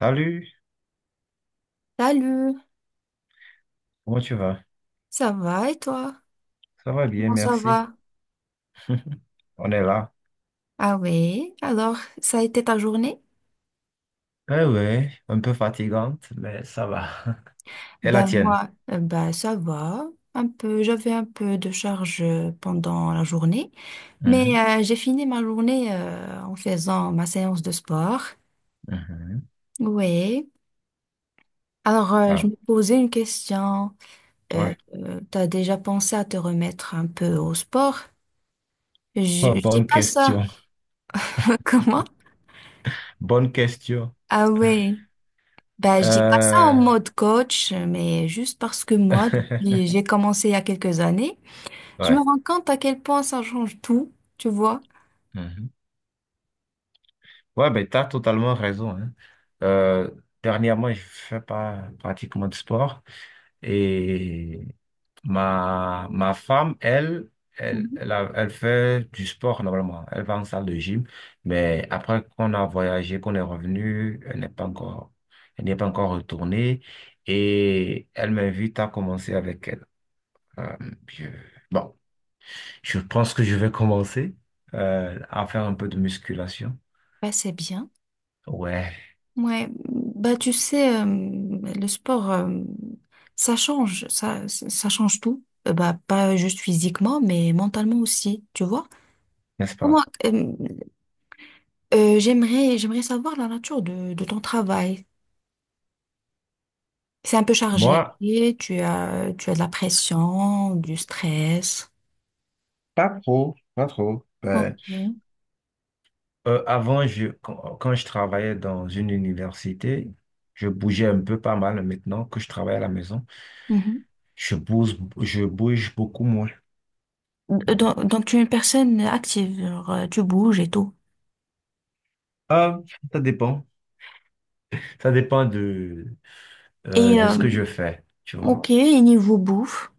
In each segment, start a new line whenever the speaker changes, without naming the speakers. Salut,
Salut,
comment tu vas?
ça va et toi?
Ça va bien,
Bon, ça
merci.
va.
On est là.
Ah oui, alors, ça a été ta journée?
Eh ouais, un peu fatigante, mais ça va. Et la
Ben
tienne?
moi, ben ça va. Un peu, j'avais un peu de charge pendant la journée, mais
Mhm,
j'ai fini ma journée en faisant ma séance de sport.
mhm.
Oui. Alors, je
Ah,
me posais une question.
ouais.
T'as déjà pensé à te remettre un peu au sport? Je,
Oh,
je dis
bonne
pas ça.
question.
Comment?
Bonne question.
Ah oui. Bah je dis pas ça en
Euh,
mode coach, mais juste parce que moi, depuis j'ai commencé il y a quelques années, je me
Ouais.
rends compte à quel point ça change tout, tu vois.
Mhm. Ouais, ben, t'as totalement raison, hein. Euh, dernièrement, je fais pas pratiquement de sport. Et ma femme, elle,
Mhm.
elle fait du sport normalement. Elle va en salle de gym. Mais après qu'on a voyagé, qu'on est revenu, elle n'est pas encore retournée. Et elle m'invite à commencer avec elle. Euh, je- bon, je pense que je vais commencer à faire un peu de musculation.
Bah, c'est bien.
Ouais,
Ouais, bah tu sais, le sport, ça change, ça change tout. Bah, pas juste physiquement, mais mentalement aussi, tu vois.
n'est-ce pas?
Comment, j'aimerais savoir la nature de ton travail. C'est un peu
Moi,
chargé, tu as de la pression, du stress.
pas trop, pas trop.
Ok.
Ben euh, avant, je, quand, quand je travaillais dans une université, je bougeais un peu pas mal. Maintenant que je travaille à la maison,
Mhm.
je bouge beaucoup moins.
Euh,
Donc,
Donc, donc, tu es une personne active, genre, tu bouges et tout.
ah, ça dépend. Ça dépend de,
Et
de ce que je fais, tu vois.
ok, et niveau bouffe,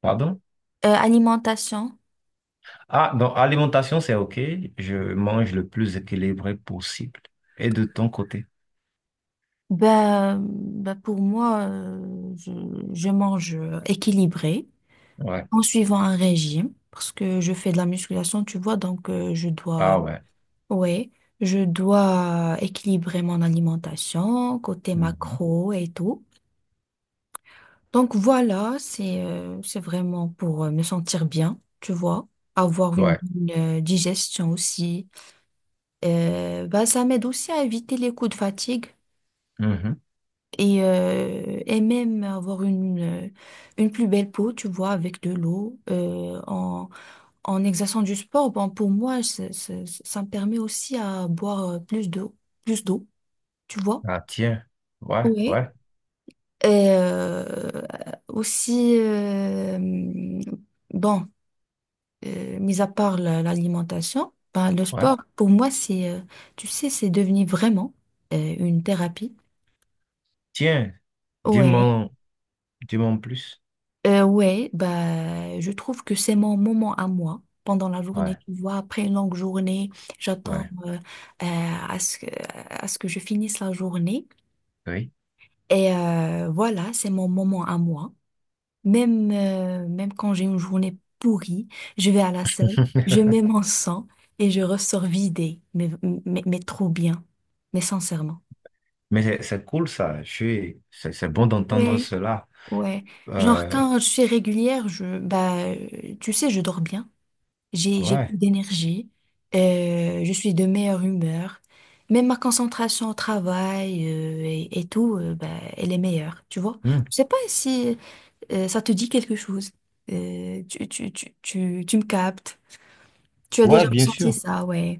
Pardon?
alimentation,
Ah, dans alimentation, c'est OK. Je mange le plus équilibré possible. Et de ton côté?
ben, pour moi, je mange équilibré
Ouais.
en suivant un régime parce que je fais de la musculation, tu vois, donc
Ah ouais.
ouais, je dois équilibrer mon alimentation côté
Mhm.
macro et tout. Donc voilà, c'est vraiment pour me sentir bien, tu vois, avoir une
Ouais.
bonne digestion aussi. Bah, ça m'aide aussi à éviter les coups de fatigue
Mhm.
et même avoir une plus belle peau, tu vois, avec de l'eau. En exerçant du sport, bon, pour moi, ça me permet aussi à boire plus d'eau, tu vois.
Ah tiens. Ouais,
Oui.
ouais,
Et aussi, bon. Mis à part l'alimentation, ben, le
ouais.
sport, pour moi, c'est, tu sais, c'est devenu vraiment une thérapie.
Tiens,
Ouais,
dis-moi, dis-moi en plus.
ouais, bah, je trouve que c'est mon moment à moi pendant la journée,
Ouais.
tu vois, après une longue journée, j'attends
Ouais,
euh, à ce que, à ce que je finisse la journée.
oui.
Et voilà, c'est mon moment à moi. Même quand j'ai une journée pourrie, je vais à la salle, je mets mon sang et je ressors vidée, mais trop bien, mais sincèrement.
Mais c'est cool ça. Je suis, c'est bon d'entendre
Ouais,
cela.
ouais. Genre
Euh,
quand je suis régulière, bah, tu sais, je dors bien, j'ai plus
ouais.
d'énergie, je suis de meilleure humeur, même ma concentration au travail, et tout, bah, elle est meilleure, tu vois.
Hmm.
Je sais pas si, ça te dit quelque chose. Tu me captes. Tu as déjà
Ouais, bien
ressenti
sûr.
ça, ouais.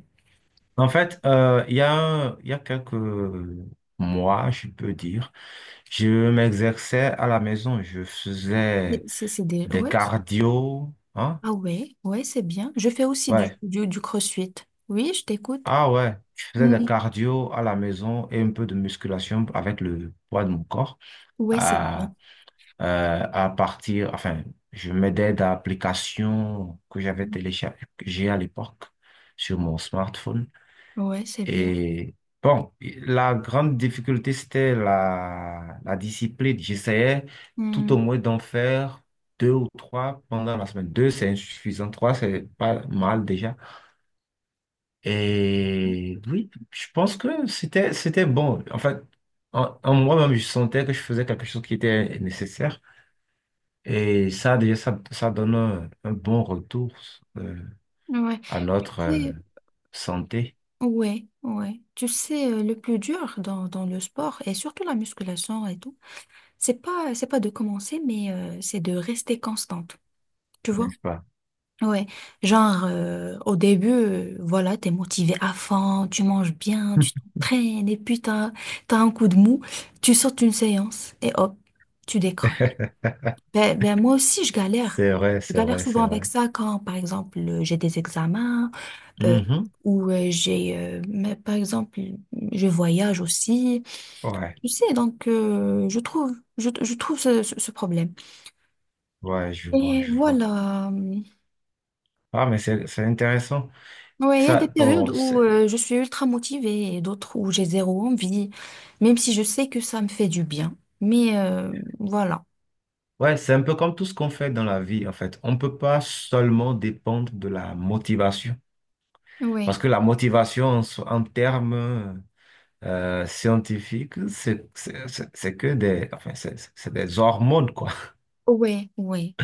En fait, il y a quelques mois, je peux dire, je m'exerçais à la maison. Je
Et
faisais
c'est des.
des
Ouais.
cardio. Hein?
Ah ouais, ouais, c'est bien. Je fais aussi du,
Ouais.
du, du crossfit. Oui, je t'écoute.
Ah ouais. Je faisais
Mm.
des cardio à la maison et un peu de musculation avec le poids de mon corps.
Ouais, c'est bien.
Euh, euh, à partir, enfin, je m'aidais d'applications que j'avais téléchargées à l'époque sur mon smartphone.
Ouais, c'est bien.
Et bon, la grande difficulté, c'était la discipline. J'essayais tout au
Mm.
moins d'en faire deux ou trois pendant la semaine. Deux, c'est insuffisant. Trois, c'est pas mal déjà. Et oui, je pense que c'était bon. En fait, en moi-même, je sentais que je faisais quelque chose qui était nécessaire. Et ça, déjà, ça donne un bon retour euh,
Ouais.
à notre
C'est-
santé,
Ouais, ouais. Tu sais, le plus dur dans le sport, et surtout la musculation et tout, c'est pas de commencer, mais c'est de rester constante. Tu vois?
n'est-ce pas?
Ouais, genre au début, voilà, t'es motivé à fond, tu manges bien, tu t'entraînes, et puis t'as un coup de mou, tu sors d'une séance et hop, tu décroches. Ben, moi aussi, je galère.
C'est vrai,
Je
c'est
galère
vrai,
souvent
c'est
avec
vrai.
ça quand, par exemple, j'ai des examens euh,
Mhm.
ou mais par exemple, je voyage aussi.
Ouais,
Tu sais, donc je trouve ce problème.
ouais, je vois,
Et
je vois.
voilà.
Ah, mais c'est intéressant.
Ouais, il y a
Ça,
des périodes
bon,
où
c'est,
je suis ultra motivée et d'autres où j'ai zéro envie, même si je sais que ça me fait du bien. Mais voilà.
ouais, c'est un peu comme tout ce qu'on fait dans la vie, en fait. On ne peut pas seulement dépendre de la motivation. Parce
Oui,
que la motivation, en termes scientifiques, c'est que des, enfin, c'est des hormones, quoi.
oui, oui.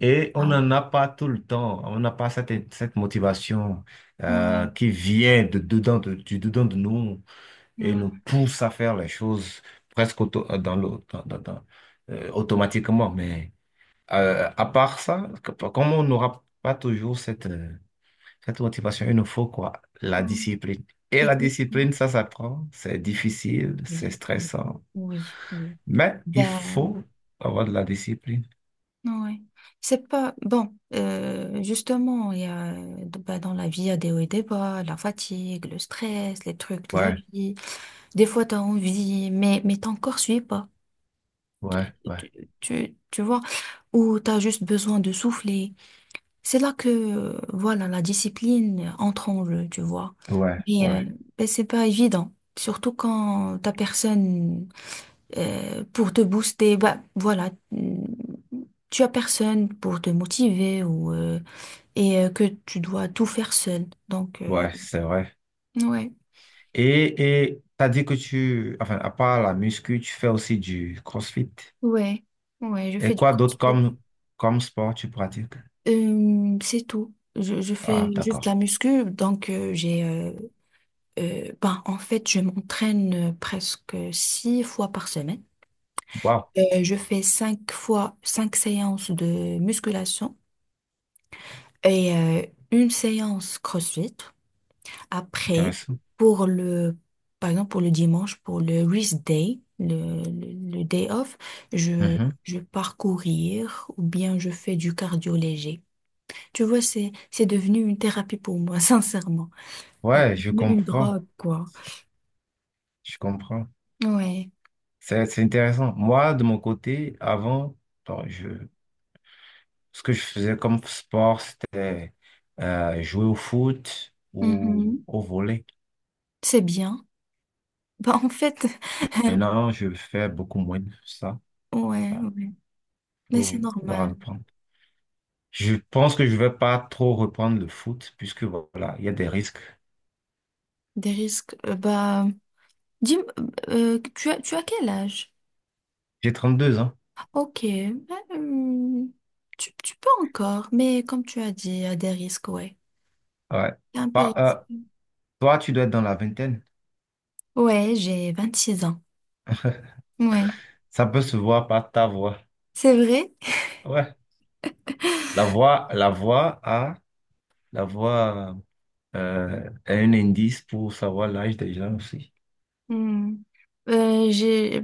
Et on
Ah,
n'en a pas tout le temps, on n'a pas cette motivation
ouais,
qui vient de dedans de nous et nous
ouais,
pousse à faire les choses presque auto- dans le- dans- dans- dans- automatiquement. Mais à part ça, comme on n'aura pas toujours cette motivation, il nous faut quoi? La
ouais.
discipline. Et la
Exactement.
discipline, ça s'apprend, c'est difficile, c'est
Oui, oui,
stressant,
oui, oui.
mais il
Ben,
faut avoir de la discipline.
ouais. C'est pas. Bon, justement, ben, dans la vie, il y a des hauts et des bas, la fatigue, le stress, les trucs de la
Ouais,
vie. Des fois, tu as envie, mais ton corps suit pas.
ouais, ouais,
tu, tu vois, où tu as juste besoin de souffler. C'est là que, voilà, la discipline entre en jeu, tu vois.
ouais,
Mais,
ouais.
ben, c'est pas évident. Surtout quand t'as personne pour te booster, bah voilà, tu as personne pour te motiver ou et que tu dois tout faire seul. Donc
Ouais, c'est vrai.
ouais,
Et t'as dit que tu, enfin, à part la muscu, tu fais aussi du CrossFit.
ouais, ouais, je fais
Et
du
quoi d'autre
crossfit.
comme sport tu pratiques?
C'est tout. Je fais
Ah,
juste
d'accord.
la muscu, donc j'ai ben, en fait, je m'entraîne presque six fois par semaine.
Wow,
Je fais cinq fois, cinq séances de musculation et une séance CrossFit. Après,
intéressant.
pour le, par exemple, pour le dimanche, pour le rest day, le day off, je,
Mhm.
je pars courir ou bien je fais du cardio léger. Tu vois, c'est devenu une thérapie pour moi, sincèrement. Euh,
Ouais, je
Une
comprends.
drogue, quoi.
Je comprends.
Ouais.
C'est intéressant. Moi, de mon côté, avant, bon, je, ce que je faisais comme sport, c'était jouer au foot ou
Mhm.
au volley.
C'est bien. Bah, en fait,
Maintenant, je fais beaucoup moins de ça. Il
ouais, ouais. Mais c'est
faudra
normal.
reprendre. Je pense que je vais pas trop reprendre le foot puisque voilà, il y a des risques.
Des risques. Bah, dis, tu as quel âge?
J'ai 32 ans.
Ok. Bah, tu peux encore, mais comme tu as dit, il y a des risques, ouais.
Ouais.
C'est un peu
Bah,
risqué.
toi, tu dois être dans la vingtaine.
Ouais, j'ai 26 ans. Ouais.
Ça peut se voir par ta voix.
C'est vrai?
Ouais. La voix, la voix a, la voix a un indice pour savoir l'âge des gens aussi.
Hmm. Euh, j'ai,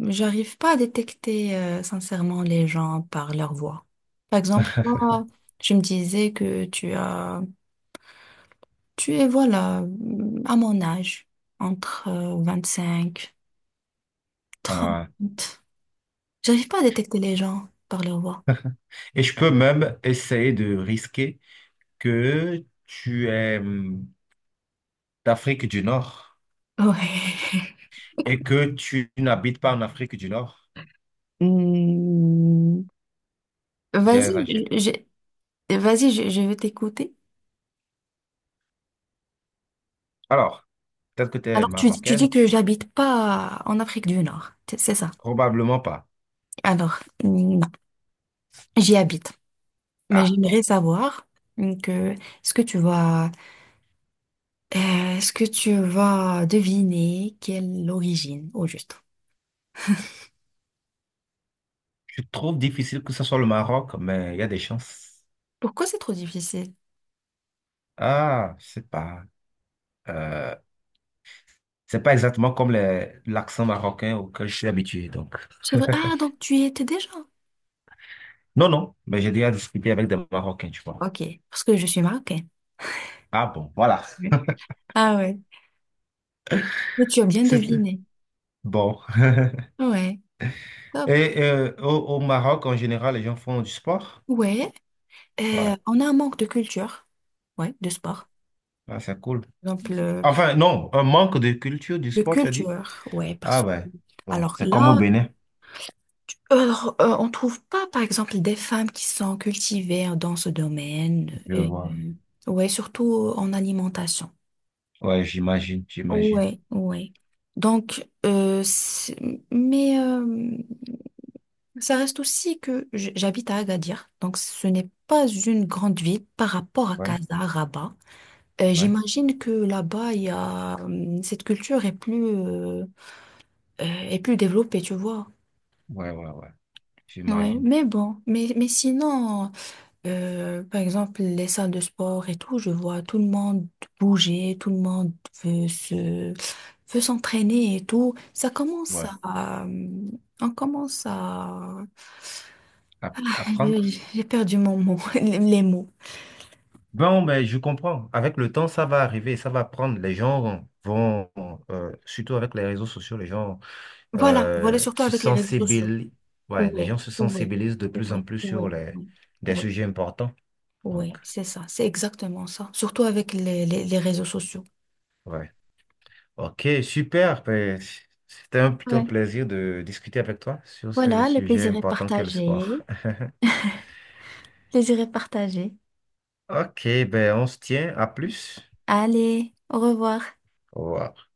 J'arrive pas à détecter, sincèrement, les gens par leur voix. Par exemple, toi, je me disais que tu as tu es, voilà, à mon âge, entre 25,
Ah.
30. J'arrive pas à détecter les gens par leur voix.
Et je peux même essayer de risquer que tu es d'Afrique du Nord
Ouais.
et que tu n'habites pas en Afrique du Nord.
Hmm.
J'ai
Vas-y,
exagéré.
je- Vas-y, je vais t'écouter.
Alors, peut-être que tu es
Alors, tu dis
marocaine,
que
tu,
j'habite pas en Afrique du Nord, c'est ça.
probablement pas.
Alors, non, j'y habite. Mais
Ah, bon.
j'aimerais savoir que est-ce que tu vas est-ce que tu vas deviner quelle origine au juste.
Je trouve difficile que ce soit le Maroc, mais il y a des chances.
Pourquoi c'est trop difficile?
Ah, je sais pas. Euh, c'est pas exactement comme l'accent marocain auquel je suis habitué, donc.
C'est vrai. Ah, donc tu y étais déjà?
Non, non, mais j'ai déjà discuté avec des Marocains, tu vois.
Ok, parce que je suis marocaine.
Ah bon, voilà.
Oui. Ah ouais. Mais tu as bien
C'est
deviné.
bon.
Ouais, top.
Et au Maroc, en général, les gens font du sport?
Ouais,
Ouais,
on a un manque de culture. Ouais, de sport.
ouais, c'est cool.
Par exemple,
Enfin, non, un manque de culture du
de
sport, tu as dit?
culture. Ouais,
Ah
parce que.
ouais. Bon,
Alors
c'est comme au
là,
Bénin,
alors, on trouve pas, par exemple, des femmes qui sont cultivées dans ce domaine.
je
Et,
vois.
ouais, surtout en alimentation.
Ouais, j'imagine, j'imagine.
Ouais, ouais. Donc, mais... euh, Ça reste aussi que j'habite à Agadir, donc ce n'est pas une grande ville par rapport à
Ouais,
Casa, Rabat.
ouais,
J'imagine que là-bas, il y a cette culture est plus développée, tu vois.
ouais, ouais, ouais.
Ouais,
J'imagine.
mais bon, mais sinon, par exemple, les salles de sport et tout, je vois tout le monde bouger, tout le monde veut se veut s'entraîner et tout. Ça commence
Ouais.
à on commence à j'ai
Apprendre.
j'ai perdu mon mot, les mots.
Bon, ben, je comprends. Avec le temps, ça va arriver, ça va prendre. Les gens vont, surtout avec les réseaux sociaux, les gens
Voilà, voilà, surtout
se
avec les réseaux sociaux.
sensibilisent. Ouais, les
Oui,
gens se
oui,
sensibilisent de
oui,
plus en
oui,
plus
oui,
sur des
oui,
sujets importants. Donc,
oui, c'est ça, c'est exactement ça. Surtout avec les réseaux sociaux.
ouais. Ok, super. Ben, c'était plutôt un
Ouais.
plaisir de discuter avec toi sur ce
Voilà, le
sujet
plaisir est
important qu'est le sport.
partagé. Plaisir est partagé.
Ok, ben on se tient. À plus.
Allez, au revoir.
Au revoir.